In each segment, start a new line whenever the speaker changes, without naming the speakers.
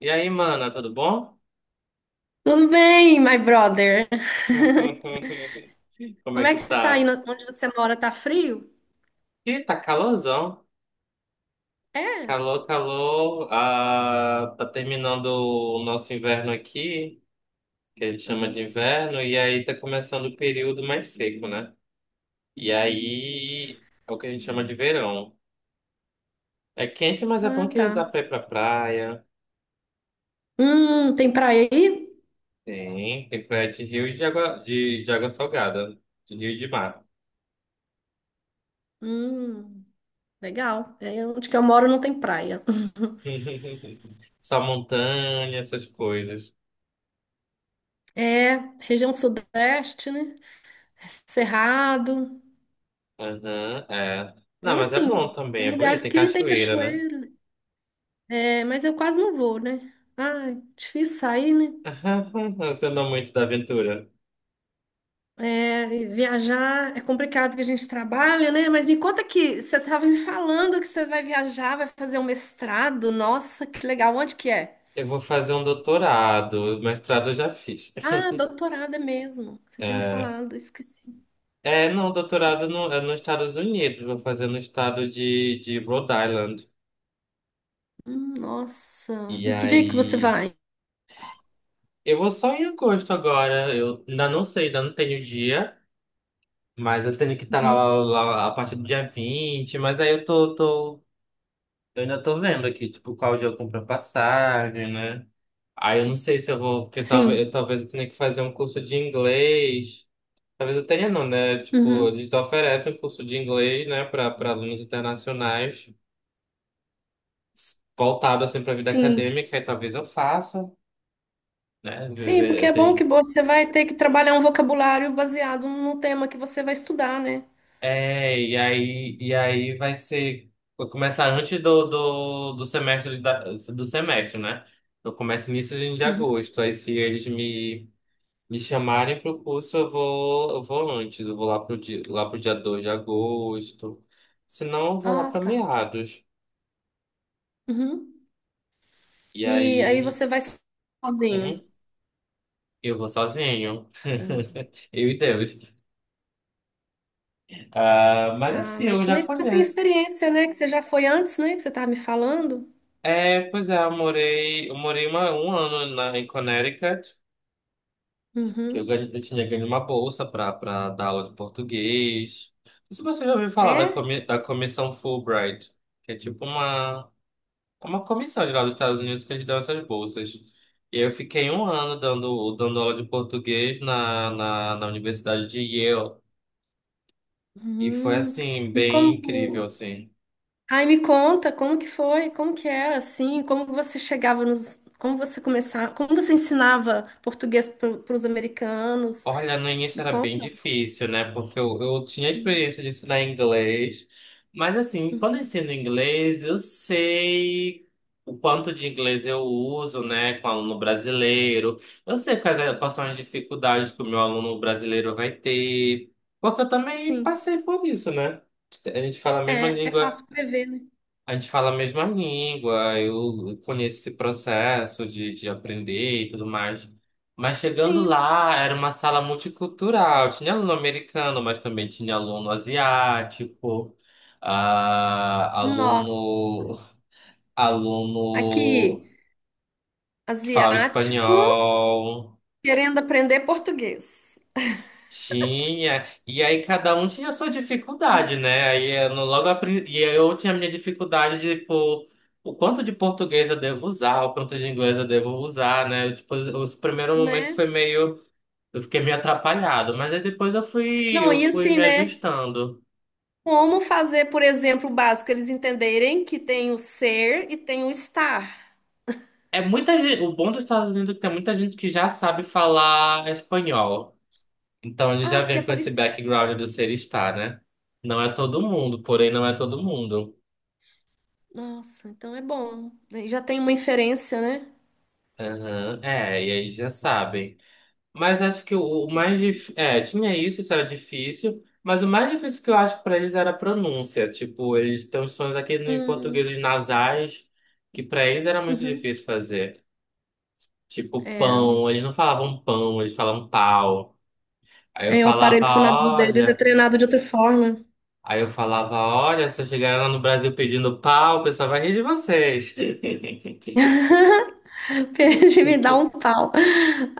E aí, mana, tudo bom?
Tudo bem, my brother?
Como é
Como é
que
que está aí?
tá?
Onde você mora? Tá frio?
Ih, tá calorzão.
É?
Calor, calor. Ah, tá terminando o nosso inverno aqui, que a gente chama de
Uhum.
inverno, e aí tá começando o período mais seco, né? E aí é o que a gente chama
Entendi.
de verão. É quente, mas é bom
Ah,
que
tá.
dá pra ir pra praia.
Tem praia aí?
Tem praia de rio e de água, de água salgada, de rio e de mar.
Hum, legal. É, onde que eu moro não tem praia.
Só montanha, essas coisas.
É, região sudeste, né? É Cerrado.
Uhum, é. Não,
Tem
mas é bom
assim,
também,
tem
é bonito,
lugares
tem
que tem
cachoeira, né?
cachoeira, né? É, mas eu quase não vou, né? Ah, difícil sair, né?
Você não é muito da aventura.
É, e viajar é complicado que a gente trabalha, né? Mas me conta, que você estava me falando que você vai viajar, vai fazer um mestrado. Nossa, que legal. Onde que é?
Eu vou fazer um doutorado, mestrado eu já fiz.
Ah, doutorado é mesmo. Você tinha me
É,
falado, eu esqueci.
é, não, doutorado no, é nos Estados Unidos, vou fazer no estado de Rhode Island.
Nossa.
E
E que dia que você
aí,
vai?
eu vou só em agosto agora, eu ainda não sei, ainda não tenho dia, mas eu tenho que estar lá,
Uhum.
lá a partir do dia 20, mas aí eu ainda tô vendo aqui, tipo, qual dia eu compro a passagem, né? Aí eu não sei se eu vou, porque talvez eu,
Sim.
talvez eu tenha que fazer um curso de inglês. Talvez eu tenha não, né? Tipo,
Uhum.
eles oferecem um curso de inglês, né, para alunos internacionais, voltado assim para a vida
Sim.
acadêmica, aí talvez eu faça, né?
Sim, porque
Eu
é bom que
tenho...
você vai ter que trabalhar um vocabulário baseado no tema que você vai estudar, né?
É, e aí vai ser vou começar antes do semestre do semestre, né? Eu começo início de
Uhum.
agosto. Aí se eles me chamarem pro curso, eu vou antes, eu vou lá pro dia 2 de agosto. Se não, eu vou lá
Ah,
pra
tá.
meados.
Uhum.
E
E aí
aí,
você vai
uhum,
sozinho.
eu vou sozinho.
Entendi.
Eu e Deus. Ah, mas
Ah,
assim,
mas
eu já
também você já tem
conheço.
experiência, né? Que você já foi antes, né? Que você estava me falando.
É, pois é, eu morei, eu morei um ano em Connecticut, que
Uhum.
eu tinha ganho uma bolsa para dar aula de português. Não sei se você já ouviu falar da,
É?
comi, da comissão Fulbright, que é tipo uma. É uma comissão de lá dos Estados Unidos que eles dão essas bolsas. E eu fiquei um ano dando aula de português na Universidade de Yale. E foi,
Uhum.
assim,
E
bem incrível,
como...
assim.
Aí me conta como que foi, como que era, assim, como você chegava nos... Como você começava... Como você ensinava português para os americanos.
Olha, no início
Me
era
conta.
bem difícil, né? Porque eu tinha
Uhum.
experiência de ensinar inglês. Mas, assim, quando eu
Uhum.
ensino inglês, eu sei o quanto de inglês eu uso, né, com aluno brasileiro. Eu sei quais são as dificuldades que o meu aluno brasileiro vai ter. Porque eu também
Sim.
passei por isso, né? A gente fala a mesma
É, é
língua.
fácil prever, né?
A gente fala a mesma língua, eu conheço esse processo de aprender e tudo mais. Mas chegando
Sim.
lá, era uma sala multicultural. Tinha aluno americano, mas também tinha aluno asiático, ah,
Nossa.
aluno, aluno
Aqui,
que falava
asiático
espanhol.
querendo aprender português.
Tinha, e aí cada um tinha a sua
Não.
dificuldade, né? Aí eu no- logo a pri- e aí eu tinha a minha dificuldade de tipo, o quanto de português eu devo usar, o quanto de inglês eu devo usar, né? Eu, tipo, os o primeiro momento
Né?
foi meio, eu fiquei meio atrapalhado, mas aí depois eu fui,
Não,
eu
e
fui
assim,
me
né?
ajustando.
Como fazer, por exemplo, o básico, eles entenderem que tem o ser e tem o estar.
É muita gente, o bom dos Estados Unidos é que tem muita gente que já sabe falar espanhol. Então ele
Ah,
já
porque é
vem com esse
parecido.
background do ser estar, né? Não é todo mundo, porém não é todo mundo.
Nossa, então é bom. Daí já tem uma inferência, né?
Aham. É, e aí já sabem. Mas acho que o mais difícil. É, tinha isso, isso era difícil. Mas o mais difícil que eu acho pra eles era a pronúncia. Tipo, eles têm uns sons aqui no em
Hum,
português nasais, que pra eles era muito
uhum.
difícil fazer. Tipo,
É.
pão. Eles não falavam pão, eles falavam pau. Aí eu
Aí o
falava,
aparelho fonador deles é
olha.
treinado de outra forma.
Aí eu falava, olha, se eu chegar lá no Brasil pedindo pau, o pessoal vai rir de vocês.
Perde, me dá um pau.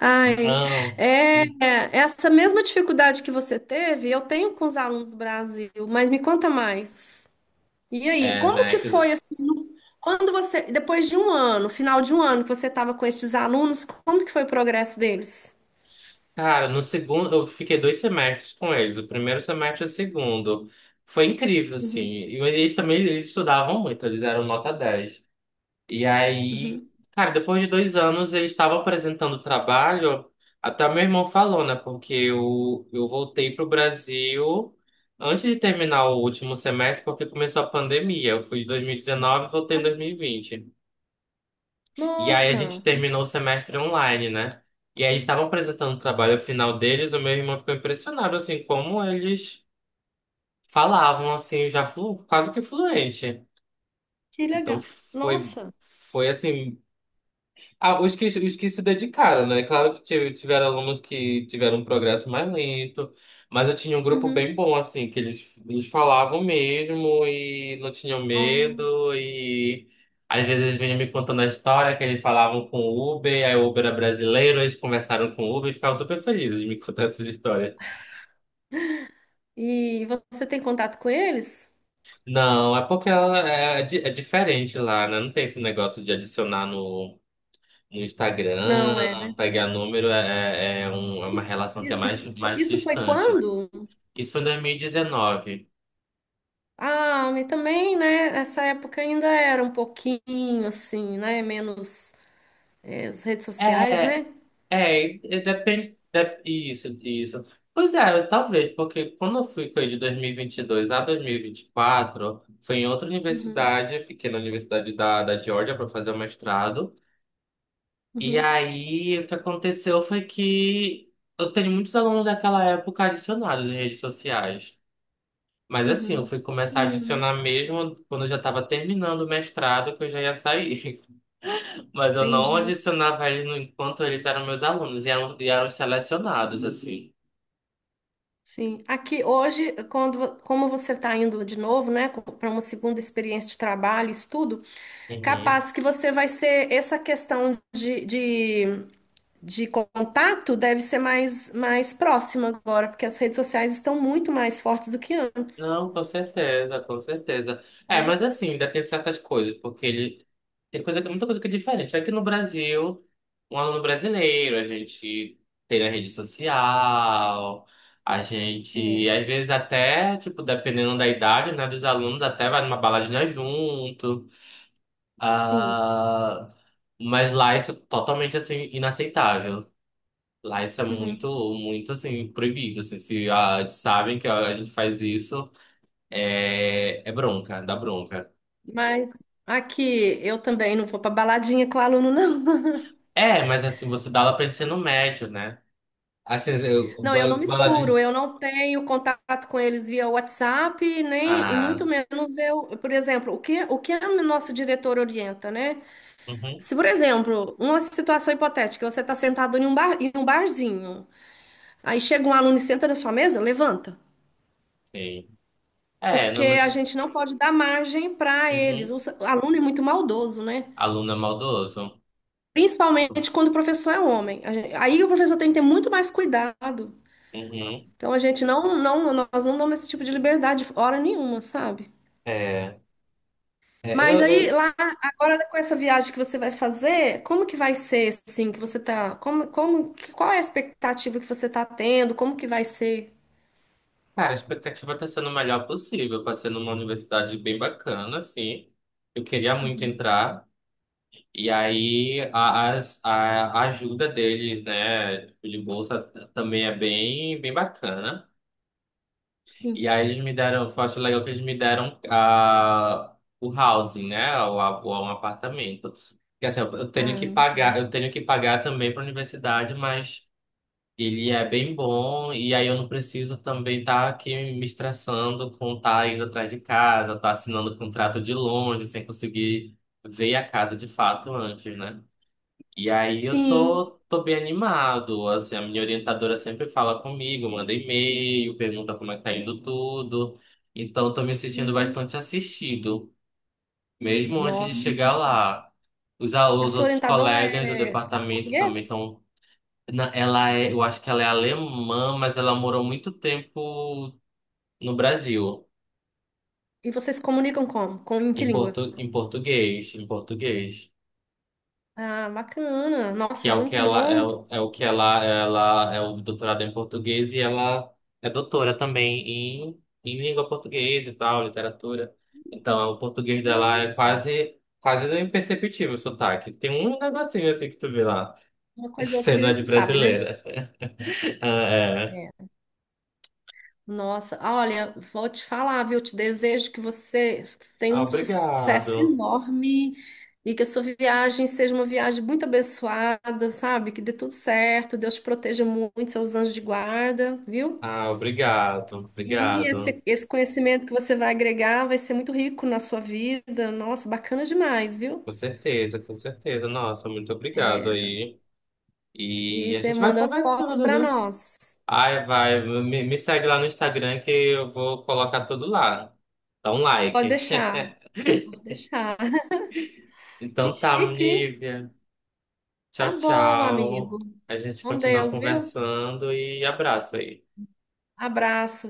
Ai,
Não.
é, é, essa mesma dificuldade que você teve, eu tenho com os alunos do Brasil, mas me conta mais. E aí,
É,
como que
né?
foi assim, quando você, depois de um ano, final de um ano que você estava com esses alunos, como que foi o progresso deles?
Cara, no segundo, eu fiquei 2 semestres com eles, o primeiro semestre e o segundo. Foi incrível, assim.
Uhum,
Mas eles também eles estudavam muito, eles eram nota 10. E aí,
uhum.
cara, depois de 2 anos, eles estavam apresentando trabalho. Até meu irmão falou, né? Porque eu voltei pro Brasil antes de terminar o último semestre, porque começou a pandemia. Eu fui de 2019 e dezenove e voltei em 2020. E aí a gente
Nossa,
terminou o semestre online, né? E aí estavam apresentando o trabalho final deles, o meu irmão ficou impressionado, assim, como eles falavam, assim, já quase que fluente.
que
Então
legal.
foi,
Nossa.
foi assim, os que se dedicaram, né? Claro que tiveram alunos que tiveram um progresso mais lento, mas eu tinha um grupo
Uhum.
bem bom, assim, que eles falavam mesmo e não tinham
Ó.
medo, e às vezes eles vinham me contando a história que eles falavam com o Uber, aí o Uber era brasileiro, eles conversaram com o Uber e ficavam super felizes de me contar essas histórias.
E você tem contato com eles?
Não, é porque ela é, é diferente lá, né? Não tem esse negócio de adicionar no
Não, é
Instagram,
verdade.
pegar número é, é uma relação que é
E-
mais
Isso foi
distante.
quando?
Isso foi em 2019.
Ah, e também, né? Essa época ainda era um pouquinho assim, né? Menos as redes sociais, né?
É, é, e depende, isso, isso. Pois é, talvez, porque quando eu fui com ele de 2022 a 2024, foi em outra
Uhum,
universidade, eu fiquei na Universidade da Georgia para fazer o mestrado. E
uhum,
aí, o que aconteceu foi que eu tenho muitos alunos daquela época adicionados em redes sociais. Mas assim, eu
uhum.
fui começar a
Hum,
adicionar mesmo quando eu já estava terminando o mestrado, que eu já ia sair. Mas eu não
entendi.
adicionava eles enquanto eles eram meus alunos e eram selecionados, assim.
Sim. Aqui hoje, quando, como você está indo de novo, né, para uma segunda experiência de trabalho, estudo,
Uhum.
capaz que você vai ser essa questão de contato, deve ser mais, mais próxima agora, porque as redes sociais estão muito mais fortes do que antes,
Não, com certeza, com certeza. É,
né?
mas assim, ainda tem certas coisas, porque ele tem coisa, muita coisa que é diferente. Aqui no Brasil, um aluno brasileiro, a gente tem na rede social, a
É,
gente, às vezes até, tipo, dependendo da idade, né, dos alunos, até vai numa baladinha junto.
sim.
Ah, mas lá isso é totalmente, assim, inaceitável. Lá isso é muito,
Uhum.
muito, assim, proibido. Assim, se ah, sabem que a gente faz isso. É, bronca, dá bronca.
Mas aqui eu também não vou para baladinha com o aluno, não.
É, mas assim, você dá aula pra ensino médio, né? Assim, eu,
Não, eu não
baladinha.
misturo, eu não tenho contato com eles via WhatsApp, nem, e muito
Ah,
menos eu, por exemplo, o que a nossa diretora orienta, né?
uhum,
Se, por exemplo, uma situação hipotética, você está sentado em um bar, em um barzinho, aí chega um aluno e senta na sua mesa, levanta,
sim. É,
porque
não, mas.
a gente não pode dar margem para eles.
Uhum.
O, o aluno é muito maldoso, né?
Aluno é maldoso.
Principalmente quando o professor é homem. A gen- Aí o professor tem que ter muito mais cuidado.
Uhum.
Então a gente não, não, nós não damos esse tipo de liberdade, hora nenhuma, sabe?
É. é
Mas
eu,
aí
eu-
lá agora, com essa viagem que você vai fazer, como que vai ser, assim que você tá, como qual é a expectativa que você tá tendo? Como que vai ser?
Cara, a expectativa tá sendo o melhor possível pra ser numa universidade bem bacana, assim. Eu queria muito entrar. E aí, a ajuda deles, né? Tipo, de bolsa também é bem, bem bacana. E
Sim.
aí eles me deram, Foi acho legal que eles me deram o housing, né? Um apartamento. Porque assim, eu tenho
Ah,
que pagar, eu tenho que pagar também para a universidade, mas ele é bem bom, e aí eu não preciso também estar aqui me estressando com estar tá indo atrás de casa, estar tá assinando contrato de longe, sem conseguir ver a casa de fato antes, né? E aí eu
sim.
tô, tô bem animado, assim, a minha orientadora sempre fala comigo, manda e-mail, pergunta como é que tá indo tudo. Então eu tô me sentindo
Uhum.
bastante assistido, mesmo antes de
Nossa.
chegar lá. Os, al-
A
os
sua
outros
orientadora
colegas
era,
do
é, fala
departamento também
português?
estão. Eu acho que ela é alemã, mas ela morou muito tempo no Brasil,
E vocês se comunicam como? Com, em que
em,
língua?
portu, em português.
Ah, bacana.
Que
Nossa,
é o que
muito
ela é,
bom.
é o que ela é o doutorado em português e ela é doutora também em língua portuguesa e tal, literatura. Então, o português dela é
Nossa,
quase quase imperceptível o sotaque. Tem um negocinho assim que tu vê lá,
uma coisa ou outra que a
sendo de
gente sabe, né?
brasileira. Ah, é.
Nossa, olha, vou te falar, viu? Te desejo que você tenha
Ah,
um sucesso
obrigado.
enorme e que a sua viagem seja uma viagem muito abençoada, sabe? Que dê tudo certo, Deus te proteja muito, seus anjos de guarda, viu?
Ah, obrigado.
E
Obrigado.
esse conhecimento que você vai agregar vai ser muito rico na sua vida. Nossa, bacana demais, viu?
Com certeza, com certeza. Nossa, muito obrigado aí.
E aí
E a
você
gente vai
manda as fotos
conversando,
para
né?
nós.
Ai, vai, me segue lá no Instagram que eu vou colocar tudo lá. Dá um
Pode
like.
deixar, pode deixar. Que
Então tá,
chique, hein?
Nívia.
Tá
Tchau,
bom,
tchau.
amigo.
A gente
Com
continua
Deus, viu?
conversando e abraço aí.
Abraço,